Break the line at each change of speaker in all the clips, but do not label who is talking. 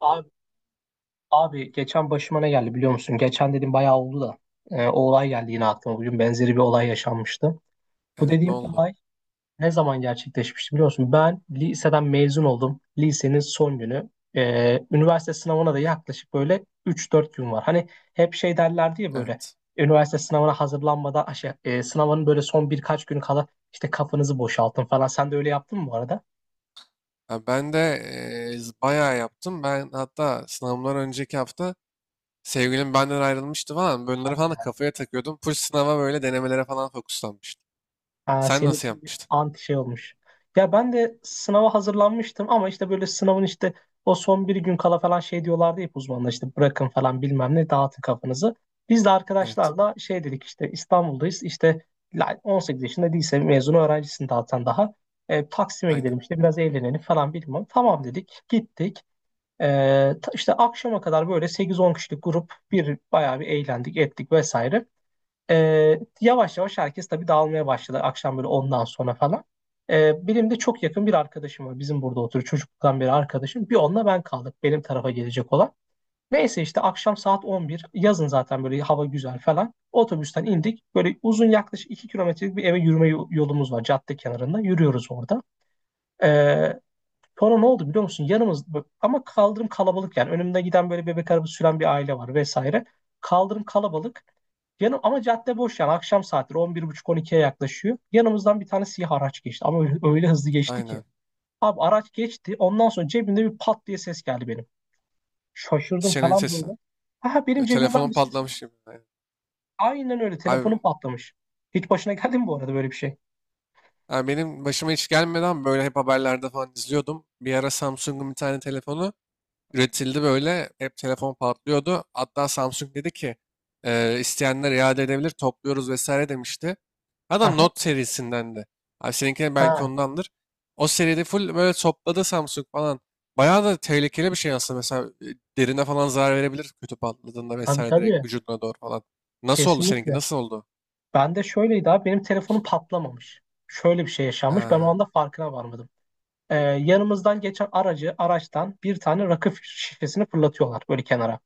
Abi, abi, geçen başıma ne geldi biliyor musun? Geçen dedim bayağı oldu da o olay geldi yine aklıma. Bugün benzeri bir olay yaşanmıştı. Bu
Evet ne
dediğim
oldu?
olay ne zaman gerçekleşmişti biliyor musun? Ben liseden mezun oldum. Lisenin son günü. Üniversite sınavına da yaklaşık böyle 3-4 gün var. Hani hep şey derlerdi ya böyle
Evet.
üniversite sınavına hazırlanmadan şey, sınavın böyle son birkaç günü kala işte kafanızı boşaltın falan. Sen de öyle yaptın mı bu arada?
Ha, ben de bayağı yaptım. Ben hatta sınavımdan önceki hafta sevgilim benden ayrılmıştı falan. Bunları falan da kafaya takıyordum. Full sınava böyle denemelere falan fokuslanmıştım.
Aa,
Sen
senin
nasıl
için bir
yapmıştın?
anti şey olmuş. Ya ben de sınava hazırlanmıştım ama işte böyle sınavın işte o son bir gün kala falan şey diyorlardı hep uzmanlar işte bırakın falan bilmem ne dağıtın kafanızı. Biz de
Evet.
arkadaşlarla şey dedik işte İstanbul'dayız işte 18 yaşında lise mezunu öğrencisin dağıtan daha. Taksim'e
Aynen.
gidelim işte biraz eğlenelim falan bilmem. Tamam dedik gittik. E, işte akşama kadar böyle 8-10 kişilik grup bir bayağı bir eğlendik ettik vesaire. Yavaş yavaş herkes tabii dağılmaya başladı akşam böyle ondan sonra falan. Benim de çok yakın bir arkadaşım var. Bizim burada oturuyor çocukluktan beri arkadaşım. Bir onunla ben kaldık benim tarafa gelecek olan. Neyse işte akşam saat 11, yazın zaten böyle hava güzel falan. Otobüsten indik. Böyle uzun yaklaşık 2 kilometrelik bir eve yürüme yolumuz var cadde kenarında. Yürüyoruz orada. Ee, Sonra ne oldu biliyor musun? Yanımız ama kaldırım kalabalık yani. Önümde giden böyle bebek arabası süren bir aile var vesaire. Kaldırım kalabalık. Yanım ama cadde boş, yani akşam saatleri 11.30-12'ye yaklaşıyor. Yanımızdan bir tane siyah araç geçti, ama öyle, öyle hızlı geçti ki.
Aynen.
Abi araç geçti, ondan sonra cebimde bir pat diye ses geldi benim. Şaşırdım
Senin
falan böyle.
sesin.
Ha, benim
E,
cebimden
Telefonum
bir ses geldi.
patlamış gibi. Aynen.
Aynen öyle,
Abi,
telefonum patlamış. Hiç başına geldi mi bu arada böyle bir şey?
abi benim başıma hiç gelmeden böyle hep haberlerde falan izliyordum. Bir ara Samsung'un bir tane telefonu üretildi böyle. Hep telefon patlıyordu. Hatta Samsung dedi ki isteyenler iade edebilir topluyoruz vesaire demişti.
Ha,
Adam
ha.
Note serisindendi. Abi seninkine belki
Ha,
ondandır. O seride full böyle topladı Samsung falan. Bayağı da tehlikeli bir şey aslında. Mesela derine falan zarar verebilir kötü patladığında
tabii
vesaire direkt
tabii,
vücuduna doğru falan. Nasıl oldu seninki?
kesinlikle.
Nasıl oldu?
Ben de şöyleydi abi, benim telefonum patlamamış. Şöyle bir şey yaşanmış, ben o
Ha,
anda farkına varmadım. Yanımızdan geçen aracı araçtan bir tane rakı şişesini fırlatıyorlar böyle kenara.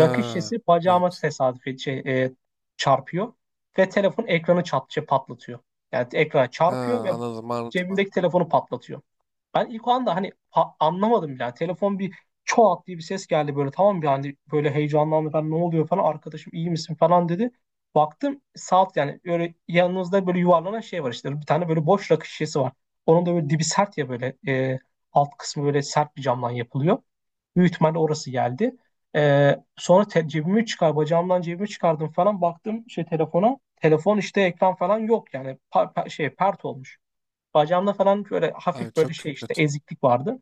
Rakı şişesi bacağıma
evet.
tesadüf şey, çarpıyor ve telefon ekranı çat, şey, patlatıyor. Yani ekrana
Ha,
çarpıyor ve
anladım, anladım,
cebimdeki
anladım.
telefonu patlatıyor. Ben ilk o anda hani anlamadım bile. Yani telefon bir çoğalt diye bir ses geldi böyle, tamam bir hani böyle heyecanlandı, ben ne oluyor falan, arkadaşım iyi misin falan dedi. Baktım saat, yani böyle yanınızda böyle yuvarlanan şey var, işte bir tane böyle boş rakı şişesi var. Onun da böyle dibi sert ya böyle, alt kısmı böyle sert bir camdan yapılıyor. Büyük ihtimalle orası geldi. E, sonra te- Cebimi çıkar, bacağımdan cebimi çıkardım falan, baktım şey telefona. Telefon işte ekran falan yok yani, şey pert olmuş. Bacağımda falan böyle
Abi
hafif böyle
çok
şey işte
kötü.
eziklik vardı.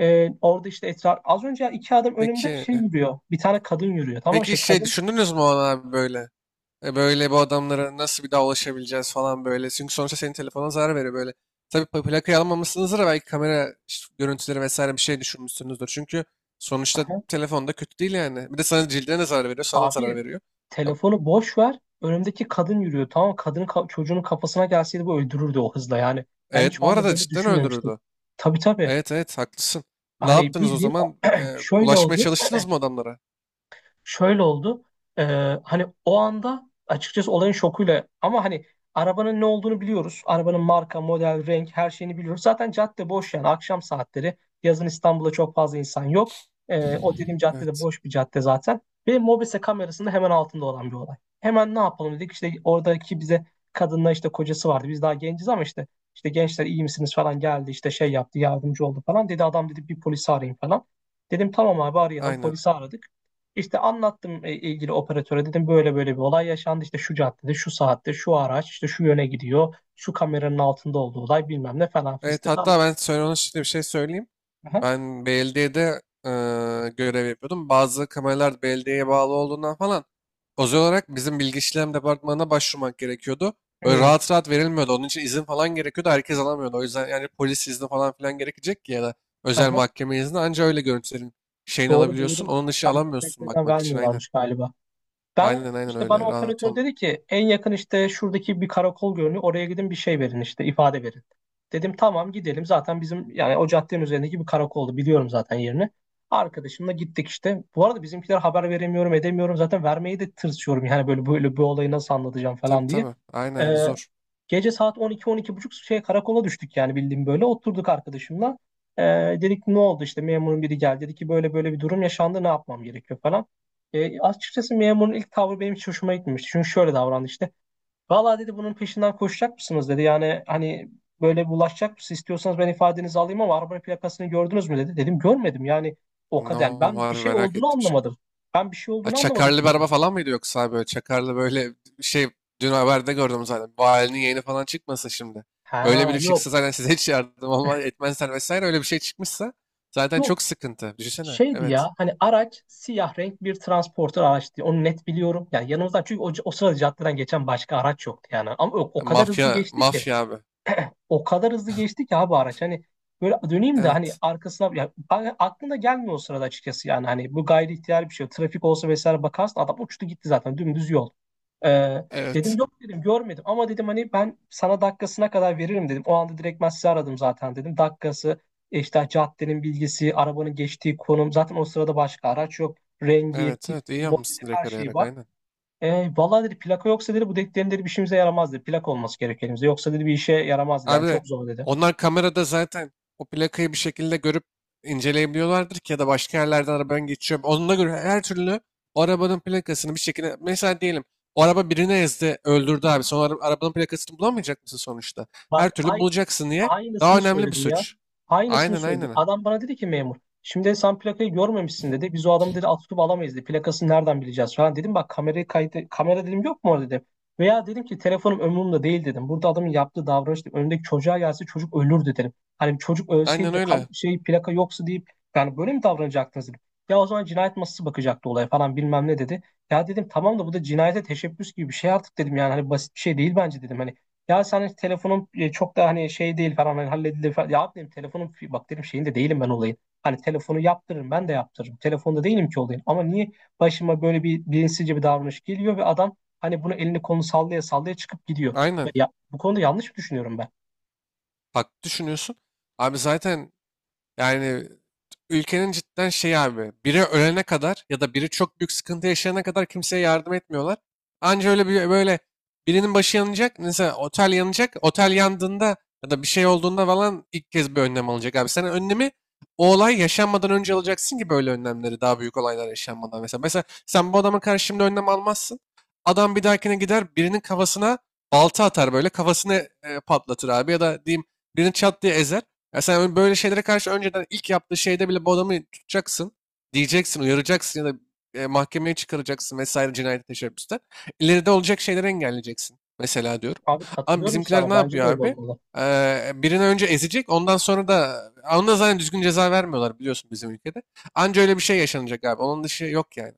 Orada işte esrar az önce 2 adım önümde
Peki,
şey yürüyor. Bir tane kadın yürüyor. Tamam mı?
peki
Şey
şey
kadın.
düşündünüz mü ona abi böyle? Böyle bu adamlara nasıl bir daha ulaşabileceğiz falan böyle. Çünkü sonuçta senin telefonuna zarar veriyor böyle. Tabii plakayı almamışsınızdır da belki kamera işte görüntüleri vesaire bir şey düşürmüşsünüzdür. Çünkü sonuçta
Aha.
telefonda kötü değil yani. Bir de sana cildine de zarar veriyor, sana da
Abi
zarar veriyor. Ya,
telefonu boş ver. Önümdeki kadın yürüyor. Tamam mı? Kadının çocuğunun kafasına gelseydi bu öldürürdü o hızla yani. Ben hiç
Evet
o
bu
anda
arada
böyle
cidden
düşünmemiştim.
öldürürdü.
Tabii tabii.
Evet evet haklısın. Ne
Hani
yaptınız o
bildiğin
zaman?
şöyle
Ulaşmaya
oldu.
çalıştınız mı adamlara?
Şöyle oldu. Ee, Hani o anda açıkçası olayın şokuyla, ama hani arabanın ne olduğunu biliyoruz. Arabanın marka, model, renk her şeyini biliyoruz. Zaten cadde boş yani, akşam saatleri. Yazın İstanbul'da çok fazla insan yok. O dediğim caddede
Evet
boş bir cadde zaten. Ve Mobese kamerasının hemen altında olan bir olay. Hemen ne yapalım dedik. İşte oradaki bize kadınla işte kocası vardı. Biz daha genciz ama işte gençler iyi misiniz falan geldi. İşte şey yaptı, yardımcı oldu falan. Dedi adam dedi bir polisi arayın falan. Dedim tamam abi arayalım.
aynen.
Polisi aradık. İşte anlattım, ilgili operatöre dedim böyle böyle bir olay yaşandı, işte şu caddede, şu saatte, şu araç işte şu yöne gidiyor, şu kameranın altında olduğu olay, bilmem ne falan
Evet
fistik
hatta
anlattım.
ben söyle ona şimdi bir şey söyleyeyim.
Aha.
Ben belediyede görev yapıyordum. Bazı kameralar belediyeye bağlı olduğundan falan özel olarak bizim bilgi işlem departmanına başvurmak gerekiyordu. Böyle
Hmm.
rahat rahat verilmiyordu. Onun için izin falan gerekiyordu. Herkes alamıyordu. O yüzden yani polis izni falan filan gerekecek ki ya da özel
Aha.
mahkeme izni anca öyle görüntülerin şeyini
Doğru
alabiliyorsun.
doğru,
Onun dışı
kamera
alamıyorsun
kayıtlarından
bakmak için aynen.
vermiyorlarmış galiba. Ben
Aynen aynen
işte, bana
öyle. Rahat
operatör
olmuyor.
dedi ki en yakın işte şuradaki bir karakol görünüyor. Oraya gidin, bir şey verin, işte ifade verin. Dedim tamam gidelim. Zaten bizim yani o caddenin üzerindeki bir karakoldu. Biliyorum zaten yerini. Arkadaşımla gittik işte. Bu arada bizimkiler haber veremiyorum edemiyorum. Zaten vermeyi de tırsıyorum. Yani böyle böyle bu olayı nasıl anlatacağım
Tabii
falan diye.
tabii.
Ee,
Aynen zor.
Gece saat 12 buçuk şey karakola düştük yani bildiğim böyle. Oturduk arkadaşımla. Ee, Dedik ne oldu, işte memurun biri geldi. Dedi ki böyle böyle bir durum yaşandı, ne yapmam gerekiyor falan. Açıkçası memurun ilk tavrı benim hiç hoşuma gitmemişti. Çünkü şöyle davrandı işte. Valla dedi bunun peşinden koşacak mısınız dedi. Yani hani böyle bulaşacak mısınız, istiyorsanız ben ifadenizi alayım, ama araba plakasını gördünüz mü dedi. Dedim görmedim yani o
Ne
kadar. Yani ben
olur
bir şey
merak
olduğunu
ettim şimdi.
anlamadım. Ben bir şey
Ha,
olduğunu anlamadım
çakarlı bir
dedim.
araba falan mıydı yoksa abi böyle çakarlı böyle şey dün haberde gördüm zaten. Valinin yeğeni falan çıkmasın şimdi. Öyle
Ha
biri çıksa
yok.
zaten size hiç yardım olmaz etmezler vesaire öyle bir şey çıkmışsa zaten
Yok
çok sıkıntı. Düşünsene.
şeydi
Evet.
ya hani, araç siyah renk bir transporter araçtı. Onu net biliyorum. Yani yanımızdan çünkü, o sırada caddeden geçen başka araç yoktu yani. Ama o
Ha,
kadar hızlı
Mafya,
geçti ki.
mafya abi.
O kadar hızlı geçti ki abi araç. Hani böyle döneyim de hani
Evet.
arkasına ya, aklına gelmiyor o sırada açıkçası yani. Hani bu gayri ihtiyar bir şey. Trafik olsa vesaire bakarsın adam uçtu gitti zaten dümdüz yol. Ee, Dedim
Evet.
yok dedim, görmedim ama dedim, hani ben sana dakikasına kadar veririm dedim. O anda direkt ben sizi aradım zaten dedim. Dakikası, işte caddenin bilgisi, arabanın geçtiği konum, zaten o sırada başka araç yok. Rengi,
Evet evet iyi
tipi, modeli,
yapmışsın direkt
her şey
arayarak
var.
aynen.
Vallahi dedi plaka yoksa dedi bu dediklerin dedi bir işimize yaramaz dedi. Plak olması gerek elimizde. Yoksa dedi bir işe yaramaz dedi. Yani
Abi
çok zor dedi.
onlar kamerada zaten o plakayı bir şekilde görüp inceleyebiliyorlardır ki ya da başka yerlerden arabanın geçiyor. Onunla göre her türlü o arabanın plakasını bir şekilde mesela diyelim o araba birine ezdi öldürdü abi. Sonra arabanın plakasını bulamayacak mısın sonuçta? Her
Bak
türlü
ay,
bulacaksın diye daha
aynısını
önemli bir
söyledim ya.
suç.
Aynısını
Aynen
söyledim.
aynen.
Adam bana dedi ki memur. Şimdi sen plakayı görmemişsin dedi. Biz o adamı dedi alt tutup alamayız dedi. Plakasını nereden bileceğiz falan dedim. Bak kamerayı kaydı. Kamera dedim yok mu orada dedim. Veya dedim ki telefonum ömrümde değil dedim. Burada adamın yaptığı davranış dedim, önündeki çocuğa gelse çocuk ölürdü dedim. Hani çocuk ölseydi
Aynen
de
öyle.
şey plaka yoksa deyip, yani böyle mi davranacaktınız dedim. Ya o zaman cinayet masası bakacaktı olaya falan bilmem ne dedi. Ya dedim tamam da bu da cinayete teşebbüs gibi bir şey artık dedim, yani hani basit bir şey değil bence dedim. Hani ya sen telefonun çok da hani şey değil falan, hani halledilir falan. Ya abi dedim telefonun bak dedim şeyinde değilim ben olayın. Hani telefonu yaptırırım, ben de yaptırırım. Telefonda değilim ki olayın. Ama niye başıma böyle bir bilinçsizce bir davranış geliyor ve adam hani bunu elini kolunu sallaya sallaya çıkıp gidiyor.
Aynen.
Ya, bu konuda yanlış mı düşünüyorum ben?
Haklı düşünüyorsun. Abi zaten Yani ülkenin cidden şey abi biri ölene kadar ya da biri çok büyük sıkıntı yaşayana kadar kimseye yardım etmiyorlar. Anca öyle bir böyle birinin başı yanacak mesela otel yanacak otel yandığında ya da bir şey olduğunda falan ilk kez bir önlem alacak abi. Sen önlemi o olay yaşanmadan önce alacaksın ki böyle önlemleri daha büyük olaylar yaşanmadan mesela. Mesela sen bu adama karşı şimdi önlem almazsın. Adam bir dahakine gider birinin kafasına balta atar böyle kafasını patlatır abi ya da diyeyim birini çat diye ezer. Ya sen böyle şeylere karşı önceden ilk yaptığı şeyde bile bu adamı tutacaksın. Diyeceksin, uyaracaksın ya da mahkemeye çıkaracaksın vesaire cinayet teşebbüste. İleride olacak şeyleri engelleyeceksin. Mesela diyorum.
Abi
Ama
katılıyorum
bizimkiler
sana.
ne
Bence de
yapıyor
öyle
abi?
olmalı.
Birini önce ezecek ondan sonra da ona zaten düzgün ceza vermiyorlar biliyorsun bizim ülkede. Anca öyle bir şey yaşanacak abi. Onun dışı yok yani.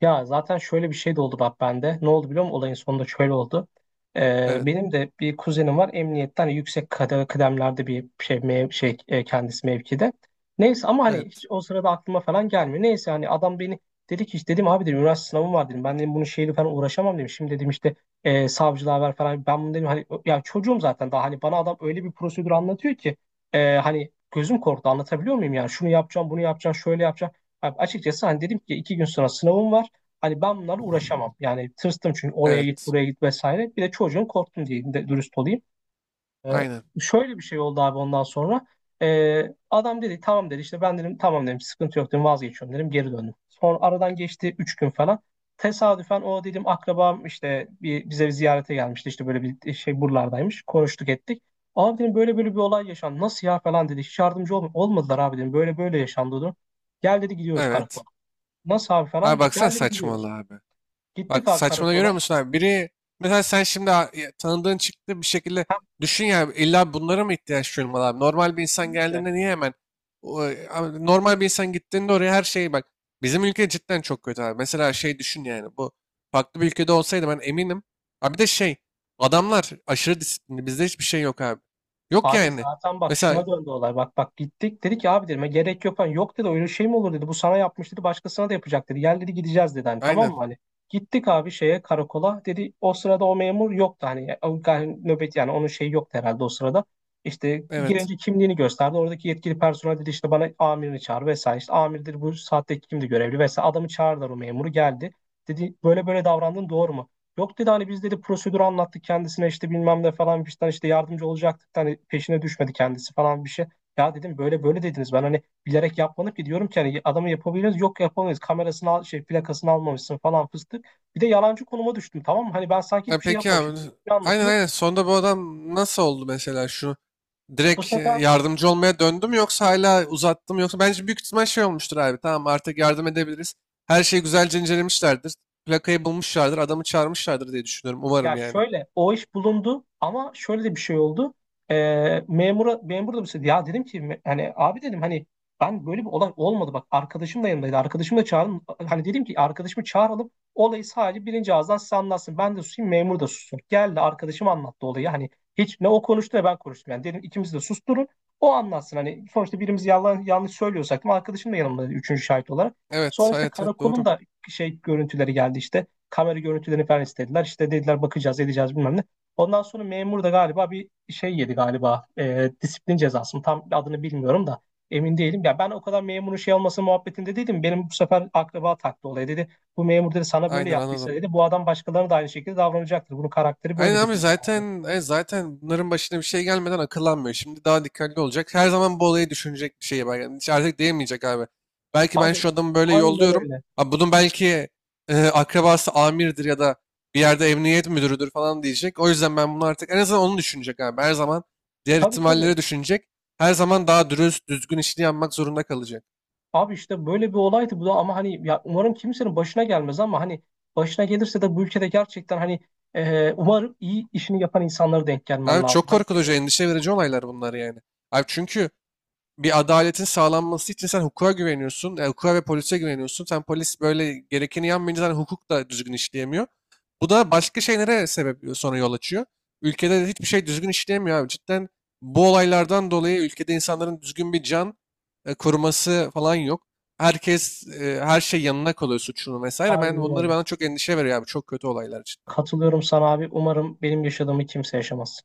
Ya zaten şöyle bir şey de oldu bak bende. Ne oldu biliyor musun? Olayın sonunda şöyle oldu.
Evet,
Benim de bir kuzenim var. Emniyetten hani yüksek kıdemlerde bir şey, kendisi mevkide. Neyse ama hani hiç
evet,
o sırada aklıma falan gelmiyor. Neyse hani adam beni dedi ki işte, dedim abi dedim üniversite sınavım var dedim. Ben dedim bunun şeyle falan uğraşamam dedim. Şimdi dedim işte savcılığa ver falan. Ben bunu dedim hani ya çocuğum zaten daha, hani bana adam öyle bir prosedür anlatıyor ki hani gözüm korktu, anlatabiliyor muyum, yani şunu yapacağım bunu yapacağım şöyle yapacağım. Abi açıkçası hani dedim ki 2 gün sonra sınavım var. Hani ben bunlarla uğraşamam. Yani tırstım çünkü oraya git
evet.
buraya git vesaire. Bir de çocuğun korktum diye de dürüst olayım. Ee,
Aynen.
Şöyle bir şey oldu abi ondan sonra. Ee, Adam dedi tamam dedi, işte ben dedim tamam dedim sıkıntı yok dedim vazgeçiyorum dedim, geri döndüm. Sonra aradan geçti 3 gün falan. Tesadüfen o dedim akrabam işte bize bir ziyarete gelmişti, işte böyle bir şey buralardaymış, konuştuk ettik. Abi dedim böyle böyle bir olay yaşandı nasıl ya falan, dedi hiç yardımcı olmadılar abi dedim, böyle böyle yaşandı dedim. Gel dedi gidiyoruz karakola.
Evet.
Nasıl abi
Abi
falan,
baksana
gel dedi gidiyoruz.
saçmalığa abi.
Gittik
Bak
abi
saçmalama görüyor
karakola.
musun abi? Biri mesela sen şimdi ya tanıdığın çıktı bir şekilde düşün ya illa bunlara mı ihtiyaç duyulmalı abi? Normal bir insan
Kesinlikle.
geldiğinde niye hemen abi normal bir insan gittiğinde oraya her şeyi bak. Bizim ülke cidden çok kötü abi. Mesela şey düşün yani bu farklı bir ülkede olsaydı ben eminim. Abi bir de şey adamlar aşırı disiplinli bizde hiçbir şey yok abi. Yok
Abi
yani.
zaten bak
Mesela
şuna döndü olay. Bak bak gittik. Dedi ki abi, dedim gerek yok. Hani, yok dedi öyle şey mi olur dedi. Bu sana yapmış dedi. Başkasına da yapacak dedi. Gel dedi gideceğiz dedi. Hani tamam
aynen
mı hani. Gittik abi şeye karakola. Dedi o sırada o memur yoktu. Hani, yani nöbet yani onun şeyi yoktu herhalde o sırada. İşte
evet.
girince kimliğini gösterdi. Oradaki yetkili personel dedi işte bana amirini çağır vesaire. İşte amirdir bu saatte kimdi görevli vesaire. Adamı çağırdılar, o memuru geldi. Dedi böyle böyle davrandın doğru mu? Yok dedi hani biz dedi prosedürü anlattık kendisine, işte bilmem ne falan bir şeyden işte yardımcı olacaktık, hani peşine düşmedi kendisi falan bir şey. Ya dedim böyle böyle dediniz, ben hani bilerek yapmadık ki, diyorum ki hani adamı yapabiliriz yok yapamayız, kamerasını al, şey plakasını almamışsın falan fıstık. Bir de yalancı konuma düştüm, tamam mı? Hani ben sanki
E,
hiçbir şey
peki
yapmamışım.
abi.
Bir şey
Aynen
anlatıyor.
aynen. Sonunda bu adam nasıl oldu mesela şu?
Bu
Direkt
sefer
yardımcı olmaya döndüm yoksa hala uzattım yoksa bence büyük ihtimal şey olmuştur abi. Tamam artık yardım edebiliriz. Her şeyi güzelce incelemişlerdir. Plakayı bulmuşlardır, adamı çağırmışlardır diye düşünüyorum.
ya
Umarım yani.
şöyle o iş bulundu ama şöyle de bir şey oldu. Memur da bir şey, ya dedim ki hani abi dedim hani ben böyle bir olay olmadı bak, arkadaşım da yanındaydı. Arkadaşımı da çağırın, hani dedim ki arkadaşımı çağıralım, olayı sadece birinci ağızdan size anlatsın. Ben de susayım, memur da sussun. Geldi arkadaşım anlattı olayı, hani hiç ne o konuştu ne ben konuştum, yani dedim ikimiz de susturun, o anlatsın, hani sonuçta birimiz yalan yanlış söylüyorsak da arkadaşım da yanımda üçüncü şahit olarak.
Evet,
Sonra işte
evet, evet
karakolun
doğru.
da şey görüntüleri geldi, işte kamera görüntülerini falan istediler. İşte dediler bakacağız edeceğiz bilmem ne. Ondan sonra memur da galiba bir şey yedi galiba, disiplin cezası mı, tam adını bilmiyorum da emin değilim. Ya ben o kadar memurun şey olması muhabbetinde değilim. Benim bu sefer akraba taktı olaya dedi. Bu memur dedi sana böyle
Aynen
yaptıysa
anladım.
dedi, bu adam başkalarına da aynı şekilde davranacaktır. Bunun karakteri
Aynen
böyledir
abi
dedi yani.
zaten zaten bunların başına bir şey gelmeden akıllanmıyor. Şimdi daha dikkatli olacak. Her zaman bu olayı düşünecek bir şey var. Yani hiç artık diyemeyecek abi. Belki ben
Abi
şu adamı böyle
aynen
yolluyorum.
öyle.
Abi bunun belki akrabası amirdir ya da bir yerde emniyet müdürüdür falan diyecek. O yüzden ben bunu artık en azından onu düşünecek abi. Her zaman diğer
Tabii tabii.
ihtimalleri düşünecek. Her zaman daha dürüst, düzgün işini yapmak zorunda kalacak.
Abi işte böyle bir olaydı bu da, ama hani ya umarım kimsenin başına gelmez, ama hani başına gelirse de bu ülkede gerçekten hani umarım iyi işini yapan insanlara denk gelmen
Abi
lazım.
çok
Hani kim
korkutucu,
olursa.
endişe verici olaylar bunlar yani. Abi çünkü bir adaletin sağlanması için sen hukuka güveniyorsun. Hukuka ve polise güveniyorsun. Sen polis böyle gerekeni yapmayınca zaten hukuk da düzgün işleyemiyor. Bu da başka şeylere sebep sonra yol açıyor. Ülkede de hiçbir şey düzgün işleyemiyor abi. Cidden bu olaylardan dolayı ülkede insanların düzgün bir can koruması falan yok. Herkes her şey yanına kalıyor suçunu vesaire. Ben
Aynen
bunları
öyle.
bana çok endişe veriyor abi. Çok kötü olaylar cidden.
Katılıyorum sana abi. Umarım benim yaşadığımı kimse yaşamaz.